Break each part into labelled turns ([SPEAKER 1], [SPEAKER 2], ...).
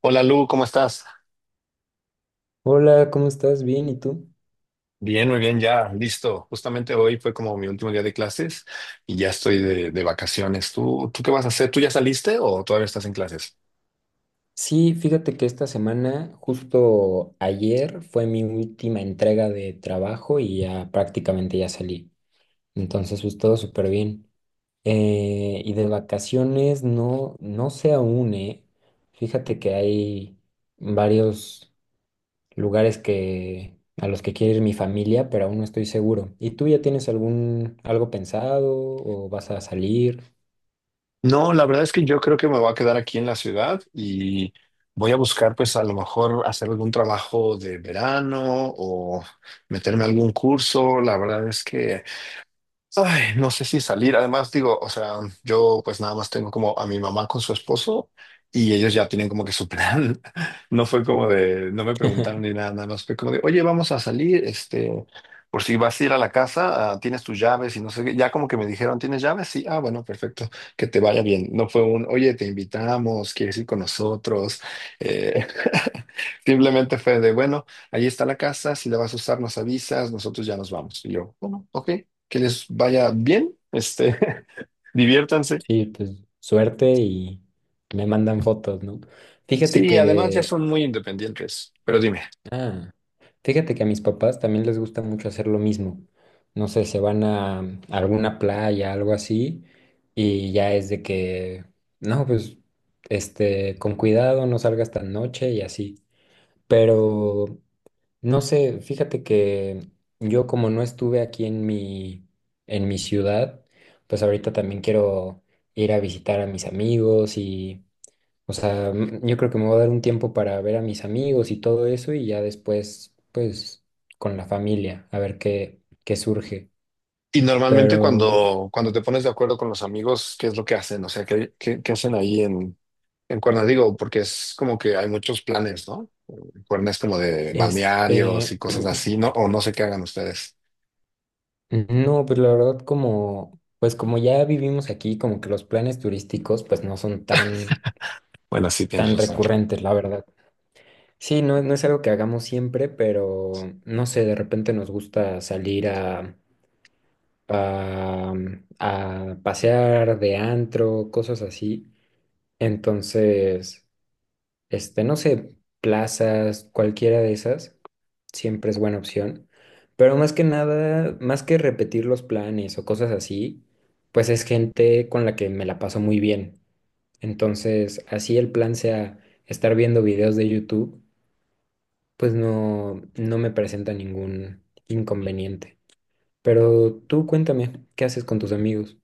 [SPEAKER 1] Hola Lu, ¿cómo estás?
[SPEAKER 2] Hola, ¿cómo estás? Bien, ¿y tú?
[SPEAKER 1] Bien, muy bien, ya, listo. Justamente hoy fue como mi último día de clases y ya estoy de vacaciones. ¿Tú qué vas a hacer? ¿Tú ya saliste o todavía estás en clases?
[SPEAKER 2] Sí, fíjate que esta semana, justo ayer, fue mi última entrega de trabajo y ya prácticamente ya salí. Entonces, pues todo súper bien. Y de vacaciones, no, no sé aún, ¿eh? Fíjate que hay varios lugares a los que quiere ir mi familia, pero aún no estoy seguro. ¿Y tú ya tienes algo pensado o vas a salir?
[SPEAKER 1] No, la verdad es que yo creo que me voy a quedar aquí en la ciudad y voy a buscar pues a lo mejor hacer algún trabajo de verano o meterme a algún curso. La verdad es que ay, no sé si salir. Además, digo, o sea, yo pues nada más tengo como a mi mamá con su esposo y ellos ya tienen como que su plan. No fue como de, no me preguntaron ni nada, nada más fue como de, oye, vamos a salir, este, por si vas a ir a la casa, ah, tienes tus llaves y no sé qué. Ya como que me dijeron, ¿tienes llaves? Sí, ah, bueno, perfecto, que te vaya bien. No fue un, oye, te invitamos, quieres ir con nosotros. Eh, simplemente fue de, bueno, ahí está la casa, si la vas a usar, nos avisas, nosotros ya nos vamos. Y yo, bueno, ok, que les vaya bien, este, diviértanse.
[SPEAKER 2] Sí, pues suerte y me mandan fotos, ¿no? Fíjate
[SPEAKER 1] Sí, además ya
[SPEAKER 2] que,
[SPEAKER 1] son muy independientes, pero dime.
[SPEAKER 2] ah, Fíjate que a mis papás también les gusta mucho hacer lo mismo. No sé, se van a, a alguna playa, algo así, y ya es de que, no, pues, este, con cuidado, no salgas tan noche y así. Pero, no sé, fíjate que yo como no estuve en mi ciudad, pues ahorita también quiero ir a visitar a mis amigos y o sea, yo creo que me voy a dar un tiempo para ver a mis amigos y todo eso y ya después, pues, con la familia, a ver qué surge.
[SPEAKER 1] Y normalmente
[SPEAKER 2] Pero,
[SPEAKER 1] cuando te pones de acuerdo con los amigos, ¿qué es lo que hacen? O sea, ¿qué hacen ahí en Cuerna? Digo, porque es como que hay muchos planes, ¿no? Cuerna es como de balnearios
[SPEAKER 2] este,
[SPEAKER 1] y cosas así, ¿no? O no sé qué hagan ustedes.
[SPEAKER 2] no, pues la verdad como, pues como ya vivimos aquí, como que los planes turísticos, pues no son
[SPEAKER 1] Bueno, sí, tienes
[SPEAKER 2] tan
[SPEAKER 1] razón.
[SPEAKER 2] recurrentes, la verdad. Sí, no, no es algo que hagamos siempre, pero no sé, de repente nos gusta salir a, a pasear de antro, cosas así. Entonces, este, no sé, plazas, cualquiera de esas, siempre es buena opción. Pero más que nada, más que repetir los planes o cosas así, pues es gente con la que me la paso muy bien. Entonces, así el plan sea estar viendo videos de YouTube, pues no, no me presenta ningún inconveniente. Pero tú cuéntame, ¿qué haces con tus amigos?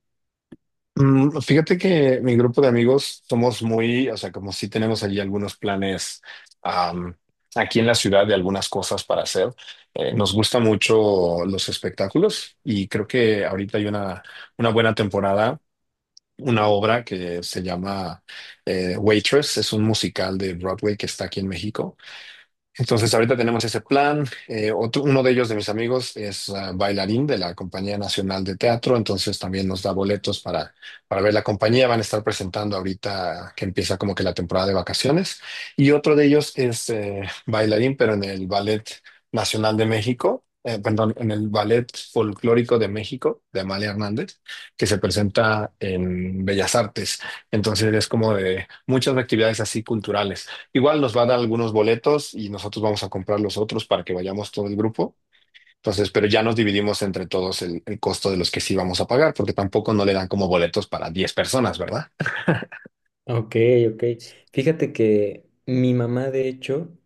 [SPEAKER 1] Fíjate que mi grupo de amigos somos muy, o sea, como si tenemos allí algunos planes am, aquí en la ciudad de algunas cosas para hacer. Nos gusta mucho los espectáculos y creo que ahorita hay una buena temporada, una obra que se llama Waitress, es un musical de Broadway que está aquí en México. Entonces, ahorita tenemos ese plan. Uno de ellos de mis amigos es bailarín de la Compañía Nacional de Teatro, entonces también nos da boletos para ver la compañía. Van a estar presentando ahorita que empieza como que la temporada de vacaciones. Y otro de ellos es bailarín, pero en el Ballet Nacional de México, perdón, en el Ballet Folclórico de México, de Amalia Hernández, que se presenta en Bellas Artes. Entonces, es como de muchas actividades así culturales. Igual nos van a dar algunos boletos y nosotros vamos a comprar los otros para que vayamos todo el grupo. Entonces, pero ya nos dividimos entre todos el costo de los que sí vamos a pagar, porque tampoco no le dan como boletos para 10 personas, ¿verdad?
[SPEAKER 2] Ok, ok. Fíjate que mi mamá, de hecho,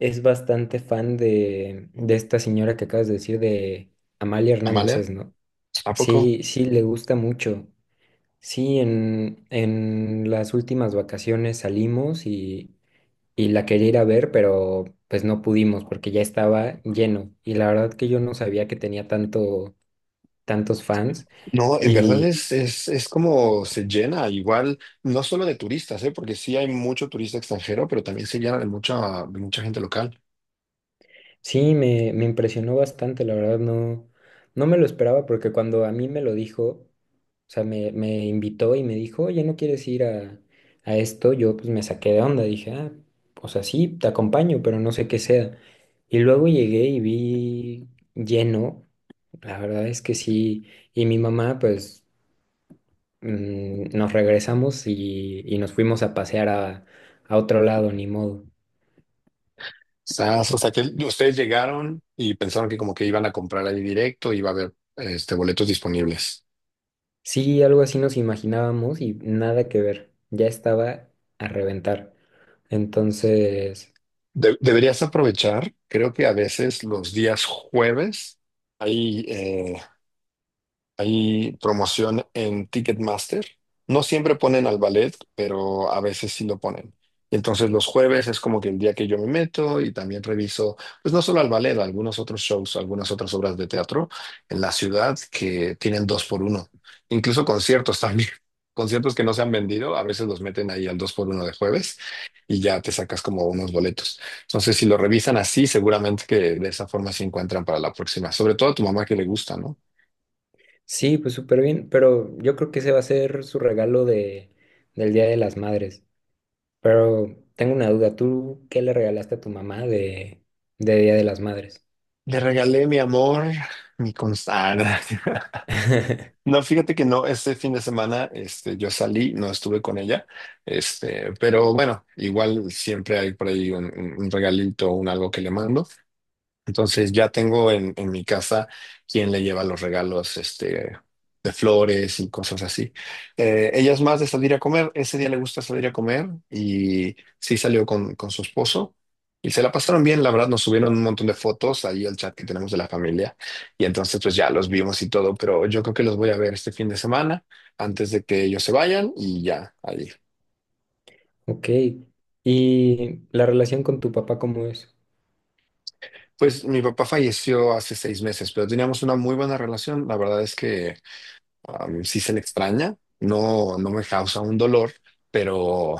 [SPEAKER 2] es bastante fan de esta señora que acabas de decir, de Amalia Hernández,
[SPEAKER 1] Amalia,
[SPEAKER 2] es, ¿no?
[SPEAKER 1] ¿a poco?
[SPEAKER 2] Sí, sí, le gusta mucho. Sí, en las últimas vacaciones salimos y la quería ir a ver, pero pues no pudimos porque ya estaba lleno. Y la verdad que yo no sabía que tenía tantos fans.
[SPEAKER 1] No, en verdad es como se llena igual, no solo de turistas, ¿eh? Porque sí hay mucho turista extranjero, pero también se llena de mucha gente local.
[SPEAKER 2] Sí, me impresionó bastante, la verdad, no, no me lo esperaba porque cuando a mí me lo dijo, o sea, me invitó y me dijo, oye, ¿no quieres ir a esto? Yo pues me saqué de onda, dije, ah, o sea, sí, te acompaño, pero no sé qué sea. Y luego llegué y vi lleno, la verdad es que sí, y mi mamá pues nos regresamos y nos fuimos a pasear a otro lado, ni modo.
[SPEAKER 1] Sas, o sea, que ustedes llegaron y pensaron que como que iban a comprar ahí directo, iba a haber este, boletos disponibles.
[SPEAKER 2] Sí, algo así nos imaginábamos y nada que ver. Ya estaba a reventar. Entonces,
[SPEAKER 1] Deberías aprovechar, creo que a veces los días jueves hay eh, Hay promoción en Ticketmaster. No siempre ponen al ballet, pero a veces sí lo ponen. Entonces los jueves es como que el día que yo me meto y también reviso, pues no solo al ballet, algunos otros shows, algunas otras obras de teatro en la ciudad que tienen dos por uno. Incluso conciertos también. Conciertos que no se han vendido, a veces los meten ahí al dos por uno de jueves y ya te sacas como unos boletos. Entonces si lo revisan así, seguramente que de esa forma se encuentran para la próxima. Sobre todo a tu mamá que le gusta, ¿no?
[SPEAKER 2] sí, pues súper bien, pero yo creo que ese va a ser su regalo del Día de las Madres. Pero tengo una duda, ¿tú qué le regalaste a tu mamá de Día de las Madres?
[SPEAKER 1] Le regalé mi amor, mi constancia. No, fíjate que no, este fin de semana este, yo salí, no estuve con ella, este, pero bueno, igual siempre hay por ahí un regalito, un algo que le mando. Entonces ya tengo en mi casa quien le lleva los regalos, este, de flores y cosas así. Ella es más de salir a comer, ese día le gusta salir a comer y sí salió con su esposo y se la pasaron bien, la verdad, nos subieron un montón de fotos ahí al chat que tenemos de la familia y entonces pues ya los vimos y todo, pero yo creo que los voy a ver este fin de semana antes de que ellos se vayan y ya, ahí.
[SPEAKER 2] Ok, ¿y la relación con tu papá cómo es?
[SPEAKER 1] Pues mi papá falleció hace 6 meses, pero teníamos una muy buena relación, la verdad es que si sí se le extraña, no, no me causa un dolor, pero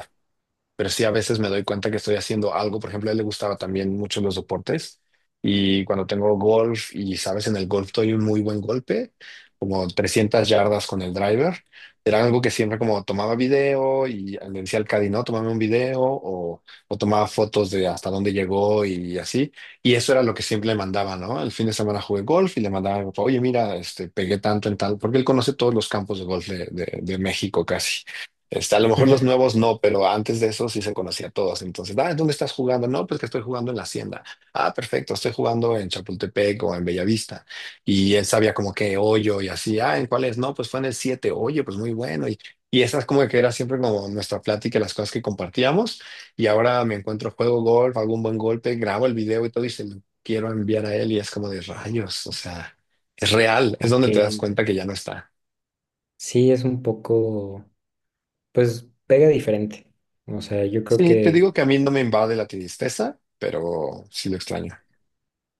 [SPEAKER 1] pero sí a veces me doy cuenta que estoy haciendo algo. Por ejemplo, a él le gustaba también mucho los deportes y cuando tengo golf y sabes, en el golf doy un muy buen golpe, como 300 yardas con el driver. Era algo que siempre como tomaba video y le decía al caddy, no, tomame un video o tomaba fotos de hasta dónde llegó y así. Y eso era lo que siempre le mandaba, ¿no? El fin de semana jugué golf y le mandaba, oye, mira, este, pegué tanto en tal, porque él conoce todos los campos de golf de México casi. Este, a lo mejor los nuevos no, pero antes de eso sí se conocía a todos. Entonces, ah, ¿dónde estás jugando? No, pues que estoy jugando en la hacienda. Ah, perfecto, estoy jugando en Chapultepec o en Bellavista. Y él sabía como que hoyo y así, ah, ¿en cuál es? No, pues fue en el 7. Oye, pues muy bueno. Y esa es como que era siempre como nuestra plática, las cosas que compartíamos. Y ahora me encuentro, juego golf, hago un buen golpe, grabo el video y todo y se lo quiero enviar a él y es como de rayos, o sea, es real, es
[SPEAKER 2] Ok,
[SPEAKER 1] donde te das cuenta que ya no está.
[SPEAKER 2] sí, es un poco, pues pega diferente. O sea, yo creo
[SPEAKER 1] Sí, te digo
[SPEAKER 2] que...
[SPEAKER 1] que a mí no me invade la tristeza, pero sí lo extraño.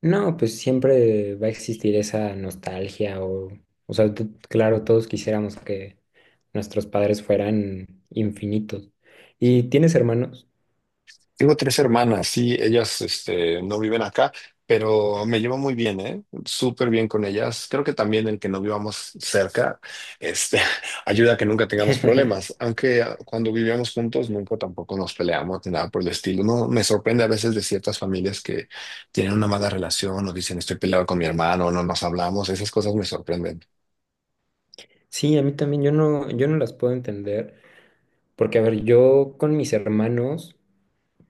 [SPEAKER 2] No, pues siempre va a existir esa nostalgia o sea, claro, todos quisiéramos que nuestros padres fueran infinitos. ¿Y tienes hermanos?
[SPEAKER 1] Tengo tres hermanas, sí, ellas este, no viven acá, pero me llevo muy bien, ¿eh? Súper bien con ellas. Creo que también el que no vivamos cerca, este, ayuda a que nunca tengamos problemas. Aunque cuando vivíamos juntos nunca tampoco nos peleamos ni nada por el estilo. No, me sorprende a veces de ciertas familias que tienen una mala relación o dicen estoy peleado con mi hermano, no nos hablamos. Esas cosas me sorprenden.
[SPEAKER 2] Sí, a mí también, yo no las puedo entender, porque a ver, yo con mis hermanos,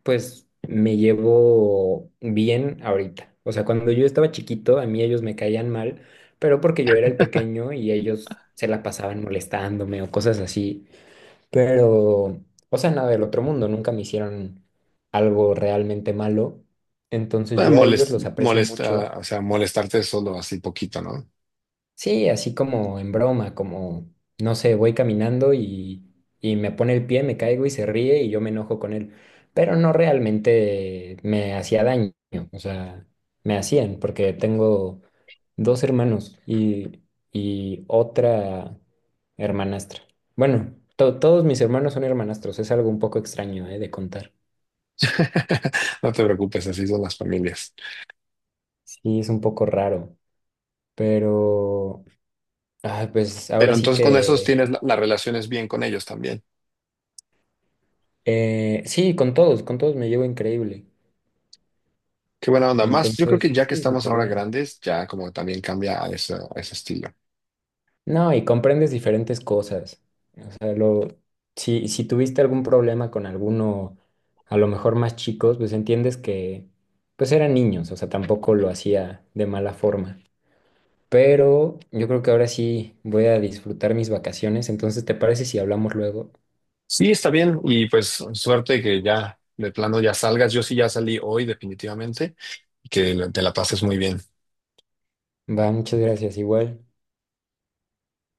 [SPEAKER 2] pues me llevo bien ahorita. O sea, cuando yo estaba chiquito, a mí ellos me caían mal, pero porque yo era el pequeño y ellos se la pasaban molestándome o cosas así. Pero, o sea, nada del otro mundo, nunca me hicieron algo realmente malo. Entonces
[SPEAKER 1] Eh,
[SPEAKER 2] yo a ellos
[SPEAKER 1] molest-
[SPEAKER 2] los aprecio
[SPEAKER 1] molesta,
[SPEAKER 2] mucho.
[SPEAKER 1] o sea, molestarte solo así poquito, ¿no?
[SPEAKER 2] Sí, así como en broma, como, no sé, voy caminando y me pone el pie, me caigo y se ríe y yo me enojo con él. Pero no realmente me hacía daño, o sea, me hacían, porque tengo dos hermanos y otra hermanastra. Bueno, todos mis hermanos son hermanastros, es algo un poco extraño, de contar.
[SPEAKER 1] No te preocupes, así son las familias.
[SPEAKER 2] Sí, es un poco raro, pero ah, pues
[SPEAKER 1] Pero
[SPEAKER 2] ahora sí
[SPEAKER 1] entonces con esos
[SPEAKER 2] que...
[SPEAKER 1] tienes las relaciones bien con ellos también.
[SPEAKER 2] Sí, con todos me llevo increíble.
[SPEAKER 1] Qué buena onda. Más, yo creo que
[SPEAKER 2] Entonces,
[SPEAKER 1] ya que
[SPEAKER 2] sí,
[SPEAKER 1] estamos
[SPEAKER 2] súper
[SPEAKER 1] ahora
[SPEAKER 2] bien.
[SPEAKER 1] grandes, ya como también cambia a ese estilo.
[SPEAKER 2] No, y comprendes diferentes cosas. O sea, lo, si, si tuviste algún problema con alguno, a lo mejor más chicos, pues entiendes que, pues eran niños, o sea, tampoco lo hacía de mala forma. Pero yo creo que ahora sí voy a disfrutar mis vacaciones, entonces, ¿te parece si hablamos luego?
[SPEAKER 1] Sí, está bien. Y pues suerte que ya de plano ya salgas. Yo sí ya salí hoy definitivamente y que te la pases muy bien.
[SPEAKER 2] Va, muchas gracias, igual.